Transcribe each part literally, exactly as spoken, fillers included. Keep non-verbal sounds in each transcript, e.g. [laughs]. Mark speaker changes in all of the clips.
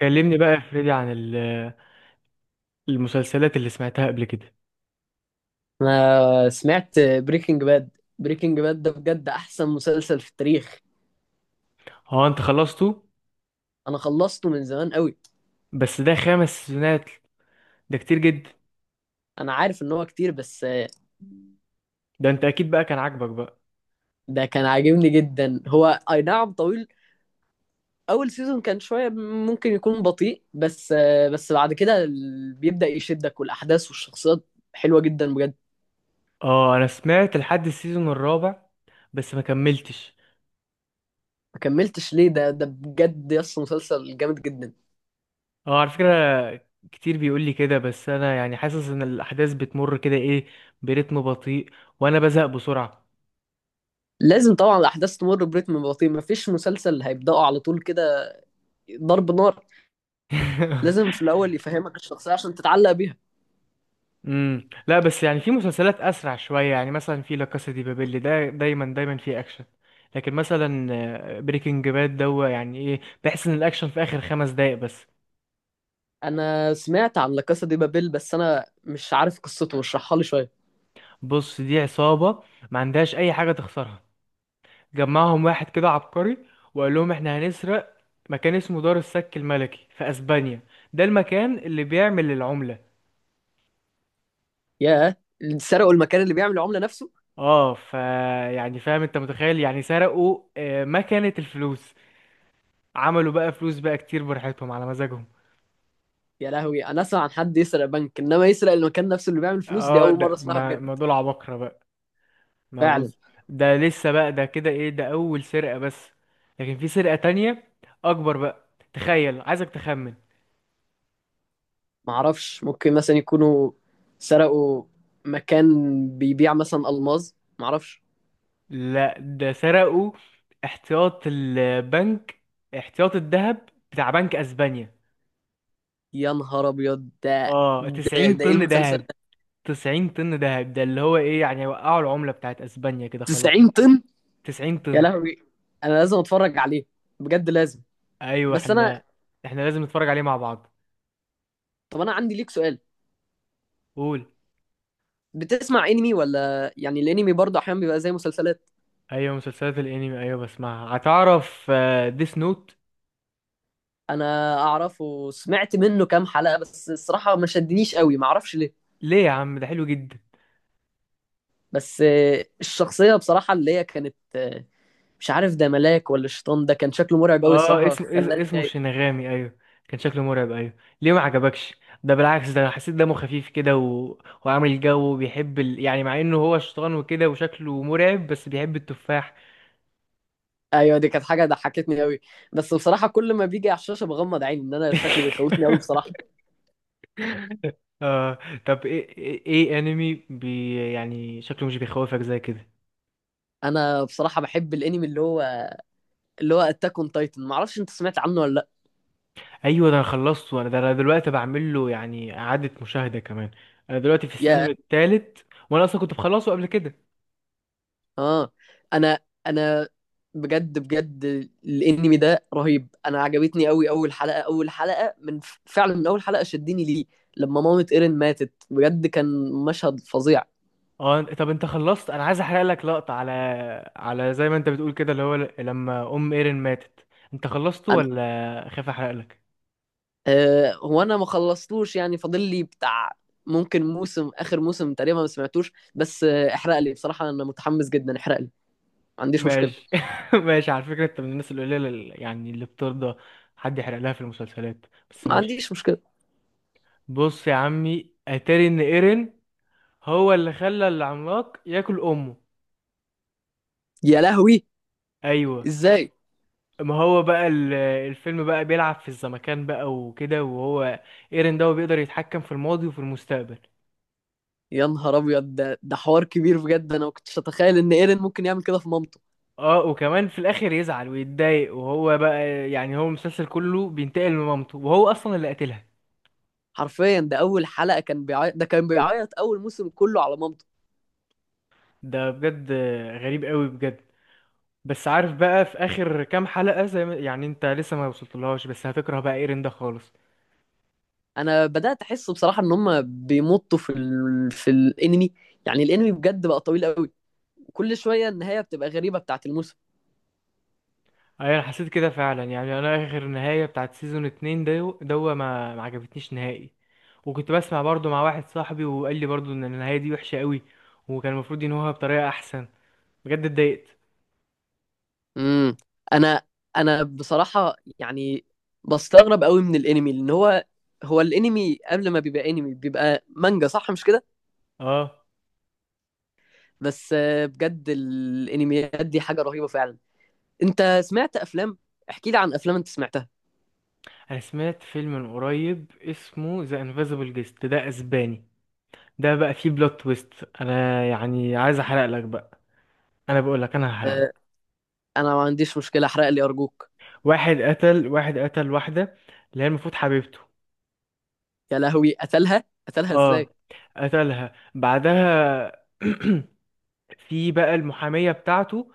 Speaker 1: كلمني بقى يا فريدي عن ال- المسلسلات اللي سمعتها قبل كده.
Speaker 2: انا سمعت بريكنج باد. بريكنج باد ده بجد احسن مسلسل في التاريخ.
Speaker 1: هو انت خلصته؟
Speaker 2: انا خلصته من زمان قوي.
Speaker 1: بس ده خمس سيزونات، ده كتير جدا.
Speaker 2: انا عارف ان هو كتير بس.
Speaker 1: ده انت اكيد بقى كان عاجبك بقى.
Speaker 2: ده كان عاجبني جدا هو. اي نعم طويل. اول سيزون كان شوية، ممكن يكون بطيء بس بس بعد كده ال- بيبدأ يشدك، والاحداث والشخصيات حلوة جدا بجد.
Speaker 1: اه، انا سمعت لحد السيزون الرابع بس ما كملتش.
Speaker 2: ما كملتش ليه؟ ده ده بجد يس مسلسل جامد جدا.
Speaker 1: اه على فكرة، كتير بيقول لي كده، بس انا يعني حاسس ان الاحداث بتمر كده ايه، برتم بطيء، وانا بزهق بسرعة.
Speaker 2: لازم طبعا الاحداث تمر برتم بطيء، مفيش مسلسل هيبدأه على طول كده ضرب نار. لازم
Speaker 1: [laughs]
Speaker 2: في الاول يفهمك الشخصية عشان تتعلق بيها.
Speaker 1: امم لا بس يعني في مسلسلات اسرع شويه، يعني مثلا في لا كاسا دي بابيل ده دايما دايما في اكشن. لكن مثلا آه، بريكنج باد دو، يعني ايه، بحس ان الاكشن في اخر خمس دقايق بس.
Speaker 2: انا سمعت عن لا كاسا دي بابيل بس انا مش عارف قصته، اشرحها لي شويه.
Speaker 1: بص، دي عصابه ما عندهاش اي حاجه تخسرها. جمعهم واحد كده عبقري وقال لهم احنا هنسرق مكان اسمه دار السك الملكي في اسبانيا، ده المكان اللي بيعمل العمله.
Speaker 2: ياه. اللي سرقوا المكان اللي بيعمل العمله نفسه؟
Speaker 1: اه، ف يعني فاهم، انت متخيل؟ يعني سرقوا آه، مكنه الفلوس. عملوا بقى فلوس بقى كتير، براحتهم على مزاجهم.
Speaker 2: يا لهوي، انا اسمع عن حد يسرق بنك، انما يسرق المكان نفسه اللي بيعمل فلوس، دي
Speaker 1: اه
Speaker 2: اول مره
Speaker 1: ده
Speaker 2: اسمعها
Speaker 1: ما
Speaker 2: بجد.
Speaker 1: ما دول عباقرة بقى. ما
Speaker 2: فعلا.
Speaker 1: بص، ده لسه بقى ده كده ايه، ده اول سرقة بس. لكن في سرقة تانية اكبر بقى، تخيل، عايزك تخمن.
Speaker 2: ما اعرفش، ممكن مثلا يكونوا سرقوا مكان بيبيع مثلا الماظ، ما اعرفش.
Speaker 1: لا، ده سرقوا احتياط البنك، احتياط الذهب بتاع بنك اسبانيا.
Speaker 2: يا نهار ابيض ده
Speaker 1: اه،
Speaker 2: ده,
Speaker 1: تسعين
Speaker 2: ده ايه
Speaker 1: طن
Speaker 2: المسلسل؟
Speaker 1: ذهب. تسعين طن ذهب، ده اللي هو ايه يعني، وقعوا العملة بتاعت اسبانيا كده خلاص.
Speaker 2: 90 طن.
Speaker 1: تسعين
Speaker 2: يا
Speaker 1: طن.
Speaker 2: لهوي، انا لازم اتفرج عليه، بجد لازم.
Speaker 1: ايوه،
Speaker 2: بس انا.
Speaker 1: احنا احنا لازم نتفرج عليه مع بعض.
Speaker 2: طب انا عندي ليك سؤال.
Speaker 1: قول.
Speaker 2: بتسمع انمي؟ ولا يعني الانمي برضه احيانا بيبقى زي مسلسلات؟
Speaker 1: ايوه، مسلسلات الانمي ايوه بسمعها. هتعرف ديس نوت؟
Speaker 2: انا اعرفه وسمعت منه كام حلقة، بس الصراحة ما شدنيش قوي، ما اعرفش ليه.
Speaker 1: ليه يا عم، ده حلو جدا.
Speaker 2: بس آه، الشخصية بصراحة اللي هي كانت، آه، مش عارف ده ملاك ولا شيطان، ده كان شكله مرعب قوي
Speaker 1: اه
Speaker 2: الصراحة،
Speaker 1: اسمه اس-
Speaker 2: خلاني
Speaker 1: اسمه
Speaker 2: خايف.
Speaker 1: شينغامي، ايوه كان شكله مرعب، ايوه. ليه ما عجبكش؟ ده بالعكس، ده انا حسيت دمه خفيف كده و... وعامل جو، وبيحب ال... يعني، مع انه هو شيطان وكده وشكله مرعب بس بيحب التفاح.
Speaker 2: ايوه، دي كانت حاجة ضحكتني قوي. بس بصراحة كل ما بيجي على الشاشة بغمض عيني، ان انا شكله بيخوفني قوي
Speaker 1: [laughs]
Speaker 2: بصراحة.
Speaker 1: آه طب ايه ايه إيه انمي بي يعني شكله مش بيخوفك زي كده؟
Speaker 2: انا بصراحة بحب الانمي اللي هو اللي هو اتاك اون تايتن، ما اعرفش انت سمعت عنه ولا لا.
Speaker 1: ايوه ده انا خلصته، انا ده انا دلوقتي بعمل له يعني اعاده مشاهده كمان. انا دلوقتي في
Speaker 2: يا
Speaker 1: السيزون الثالث، وانا اصلا كنت مخلصه قبل كده.
Speaker 2: اه انا انا بجد بجد الانمي ده رهيب، انا عجبتني قوي اول حلقه اول حلقه من فعلا من اول حلقه شدني ليه. لما مامة ايرين ماتت بجد كان مشهد فظيع.
Speaker 1: اه، أنت- طب انت خلصت؟ انا عايز احرق لك لقطه على على زي ما انت بتقول كده، اللي هو ل- لما ام ايرين ماتت. انت خلصته
Speaker 2: انا
Speaker 1: ولا خايف احرق لك؟
Speaker 2: آه هو انا ما خلصتوش، يعني فاضل لي بتاع ممكن موسم اخر موسم تقريبا، ما سمعتوش، بس آه احرق لي بصراحه، انا متحمس جدا، احرق لي، ما عنديش مشكله.
Speaker 1: ماشي. [laughs] ماشي، على فكره انت من الناس القليله اللي- يعني اللي بترضى حد يحرق لها في المسلسلات، بس
Speaker 2: ما
Speaker 1: ماشي.
Speaker 2: عنديش مشكله.
Speaker 1: بص يا عمي، اتاري ان ايرين هو اللي خلى العملاق ياكل امه.
Speaker 2: يا لهوي،
Speaker 1: ايوه،
Speaker 2: ازاي؟
Speaker 1: ما هو بقى ال- الفيلم بقى بيلعب في الزمكان بقى وكده، وهو ايرين ده هو بيقدر يتحكم في الماضي وفي المستقبل.
Speaker 2: يا نهار ابيض ده ده حوار كبير بجد، انا ما كنتش اتخيل ان ايرين ممكن يعمل كده في مامته.
Speaker 1: اه، وكمان في الاخر يزعل ويتضايق، وهو بقى يعني هو المسلسل كله بينتقم لمامته وهو اصلا اللي قتلها.
Speaker 2: حرفيا ده اول حلقه كان بيعيط ده كان بيعيط اول موسم كله على مامته.
Speaker 1: ده بجد غريب قوي بجد. بس عارف بقى في اخر كام حلقة، زي ما يعني انت لسه ما وصلتلهاش، بس هتكره بقى ايرين ده خالص.
Speaker 2: انا بدات احس بصراحه ان هم بيمطوا في ال... في الانمي، يعني الانمي بجد بقى طويل قوي، وكل شويه النهايه بتبقى غريبه بتاعت الموسم.
Speaker 1: ايوه، انا حسيت كده فعلا. يعني انا اخر نهاية بتاعت سيزون اتنين ده دوا ما ما عجبتنيش نهائي. وكنت بسمع برضو مع واحد صاحبي، وقال لي برضو ان النهايه دي وحشه قوي، وكان المفروض ينهوها بطريقه احسن. بجد اتضايقت.
Speaker 2: امم انا انا بصراحه يعني بستغرب قوي من الانمي، لان هو هو الانمي قبل ما بيبقى انمي بيبقى مانجا، صح مش كده؟
Speaker 1: اه،
Speaker 2: بس آه، بجد الانميات دي حاجه رهيبه فعلا. انت سمعت افلام؟ احكي لي عن افلام انت سمعتها.
Speaker 1: انا سمعت فيلم من قريب اسمه ذا انفيزبل جيست، ده اسباني. ده بقى فيه بلوت تويست، انا يعني عايز احرق لك بقى. انا بقول لك انا هحرق لك.
Speaker 2: انا ما عنديش مشكله، احرق لي ارجوك.
Speaker 1: واحد قتل واحد قتل واحده، اللي هي المفروض حبيبته.
Speaker 2: يا لهوي، قتلها؟ قتلها
Speaker 1: اه،
Speaker 2: ازاي؟
Speaker 1: قتلها بعدها. [clears throat] في بقى المحاميه بتاعته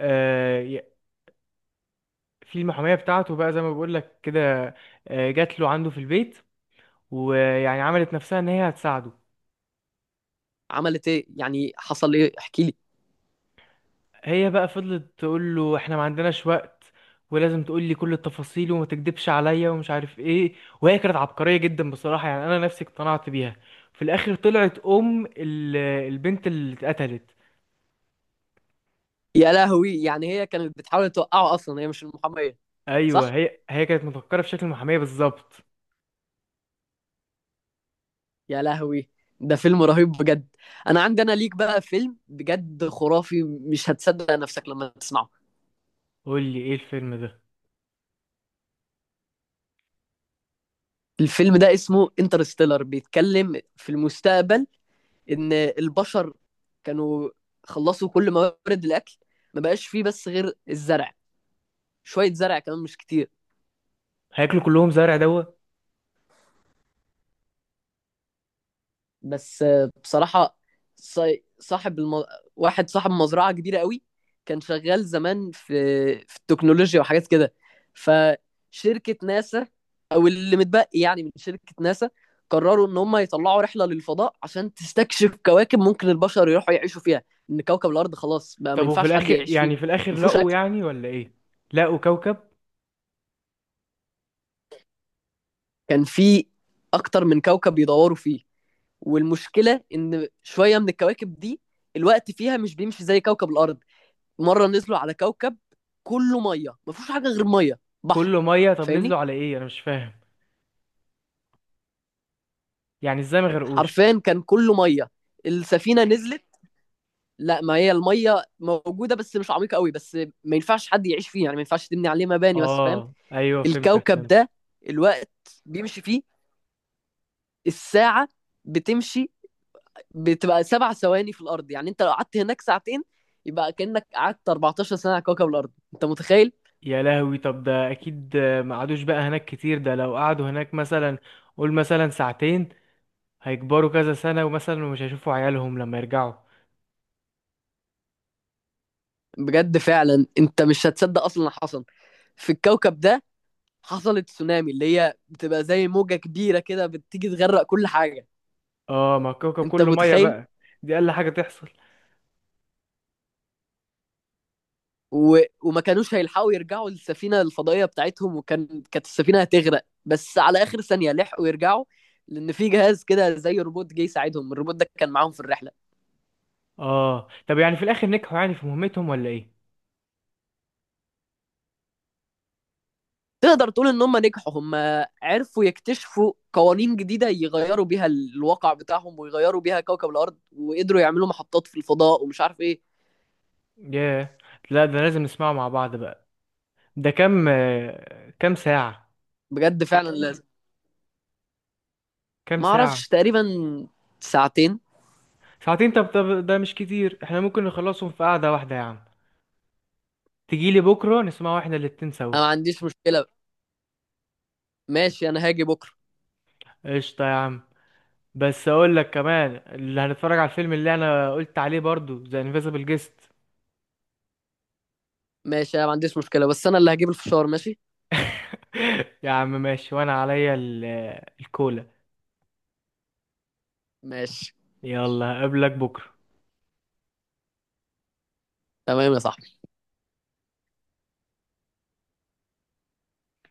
Speaker 1: آه، في المحامية بتاعته بقى زي ما بقول لك كده، آه، جات له عنده في البيت، ويعني عملت نفسها ان هي هتساعده.
Speaker 2: عملت ايه؟ يعني حصل ايه؟ احكي لي.
Speaker 1: هي بقى فضلت تقول له احنا ما عندناش وقت، ولازم تقول لي كل التفاصيل، وما تكدبش عليا، ومش عارف ايه. وهي كانت عبقرية جدا بصراحة، يعني انا نفسي اقتنعت بيها. في الاخر طلعت ام ال- البنت اللي اتقتلت.
Speaker 2: يا لهوي، يعني هي كانت بتحاول توقعه؟ اصلا هي مش المحاميه؟ صح.
Speaker 1: ايوه، هي هي كانت مفكرة في شكل المحامية بالظبط.
Speaker 2: يا لهوي. ده فيلم رهيب بجد. انا عندي انا ليك بقى فيلم بجد خرافي، مش هتصدق نفسك لما تسمعه.
Speaker 1: قول لي ايه الفيلم ده.
Speaker 2: الفيلم ده اسمه انترستيلر، بيتكلم في المستقبل ان البشر كانوا خلصوا كل موارد الاكل، ما بقاش فيه بس غير الزرع، شويه زرع كمان مش كتير.
Speaker 1: هياكلوا كلهم زرع دوا؟
Speaker 2: بس آه، بصراحة ص- صاحب الم... واحد صاحب مزرعة كبيرة قوي، كان شغال زمان في في التكنولوجيا وحاجات كده. فشركة ناسا، أو اللي متبقي يعني من شركة ناسا، قرروا إن هم يطلعوا رحلة للفضاء عشان تستكشف كواكب ممكن البشر يروحوا يعيشوا فيها، إن كوكب الأرض خلاص بقى ما
Speaker 1: طب وفي
Speaker 2: ينفعش حد
Speaker 1: الاخر،
Speaker 2: يعيش فيه.
Speaker 1: يعني في الاخر
Speaker 2: ما فيهوش
Speaker 1: لقوا،
Speaker 2: أكل.
Speaker 1: يعني ولا ايه؟ لقوا كوكب
Speaker 2: كان في أكتر من كوكب بيدوروا فيه، والمشكلة إن شوية من الكواكب دي الوقت فيها مش بيمشي زي كوكب الأرض. مره نزلوا على كوكب كله ميه، ما فيهوش حاجه غير ميه
Speaker 1: كله
Speaker 2: بحر.
Speaker 1: ميه؟ طب
Speaker 2: فاهمني.
Speaker 1: نزلوا على ايه، انا مش فاهم. يعني ازاي ما غرقوش؟
Speaker 2: حرفيا كان كله ميه. السفينه نزلت. لا، ما هي الميه موجوده بس مش عميقه قوي، بس ما ينفعش حد يعيش فيه، يعني ما ينفعش تبني عليه مباني، بس فاهم.
Speaker 1: اه ايوه، فهمتك،
Speaker 2: الكوكب
Speaker 1: فهمت.
Speaker 2: ده الوقت بيمشي فيه، الساعه بتمشي بتبقى سبع ثواني في الارض، يعني انت لو قعدت هناك ساعتين يبقى كانك قعدت 14 سنه على كوكب الارض، انت متخيل؟
Speaker 1: يا لهوي، طب ده اكيد ما قعدوش بقى هناك كتير، ده لو قعدوا هناك مثلا، قول مثلا ساعتين، هيكبروا كذا سنة، ومثلا مش هيشوفوا عيالهم لما يرجعوا.
Speaker 2: بجد فعلا، انت مش هتصدق اصلا اللي حصل في الكوكب ده. حصلت تسونامي اللي هي بتبقى زي موجة كبيرة كده بتيجي تغرق كل حاجة.
Speaker 1: اه، ما الكوكب
Speaker 2: انت
Speaker 1: كله ميه
Speaker 2: متخيل؟
Speaker 1: بقى، دي اقل حاجة تحصل.
Speaker 2: و... وما كانوش هيلحقوا يرجعوا للسفينة الفضائية بتاعتهم، وكان كانت السفينة هتغرق، بس على آخر ثانية لحقوا يرجعوا، لأن في جهاز كده زي روبوت جه يساعدهم، الروبوت ده كان معاهم في الرحلة.
Speaker 1: اه، طب يعني في الاخر نجحوا يعني في مهمتهم، ولا ايه؟
Speaker 2: تقدر تقول إن هم نجحوا، هم عرفوا يكتشفوا قوانين جديدة يغيروا بيها الواقع بتاعهم، ويغيروا بيها كوكب الأرض، وقدروا يعملوا محطات في الفضاء ومش عارف إيه.
Speaker 1: ياه. لا ده لازم نسمعه مع بعض بقى. ده كام آه، كام ساعة؟
Speaker 2: بجد فعلا لازم.
Speaker 1: كام
Speaker 2: ما
Speaker 1: ساعة؟
Speaker 2: أعرفش تقريبا، ساعتين.
Speaker 1: ساعتين؟ طب طب، ده مش كتير، احنا ممكن نخلصهم في قعدة واحدة يا عم. تجيلي بكرة نسمعه احنا الاتنين سوا؟
Speaker 2: انا ما عنديش مشكله. ماشي، انا هاجي بكره.
Speaker 1: قشطة يا عم. بس اقول لك كمان اللي هنتفرج على الفيلم اللي انا قلت عليه برضو، ذا انفيزبل جيست.
Speaker 2: ماشي، انا ما عنديش مشكله، بس انا اللي هجيب الفشار، ماشي.
Speaker 1: [laughs] يا عم ماشي، وانا عليا ال- الكولا.
Speaker 2: ماشي،
Speaker 1: يلا اقابلك بكرة.
Speaker 2: تمام يا صاحبي.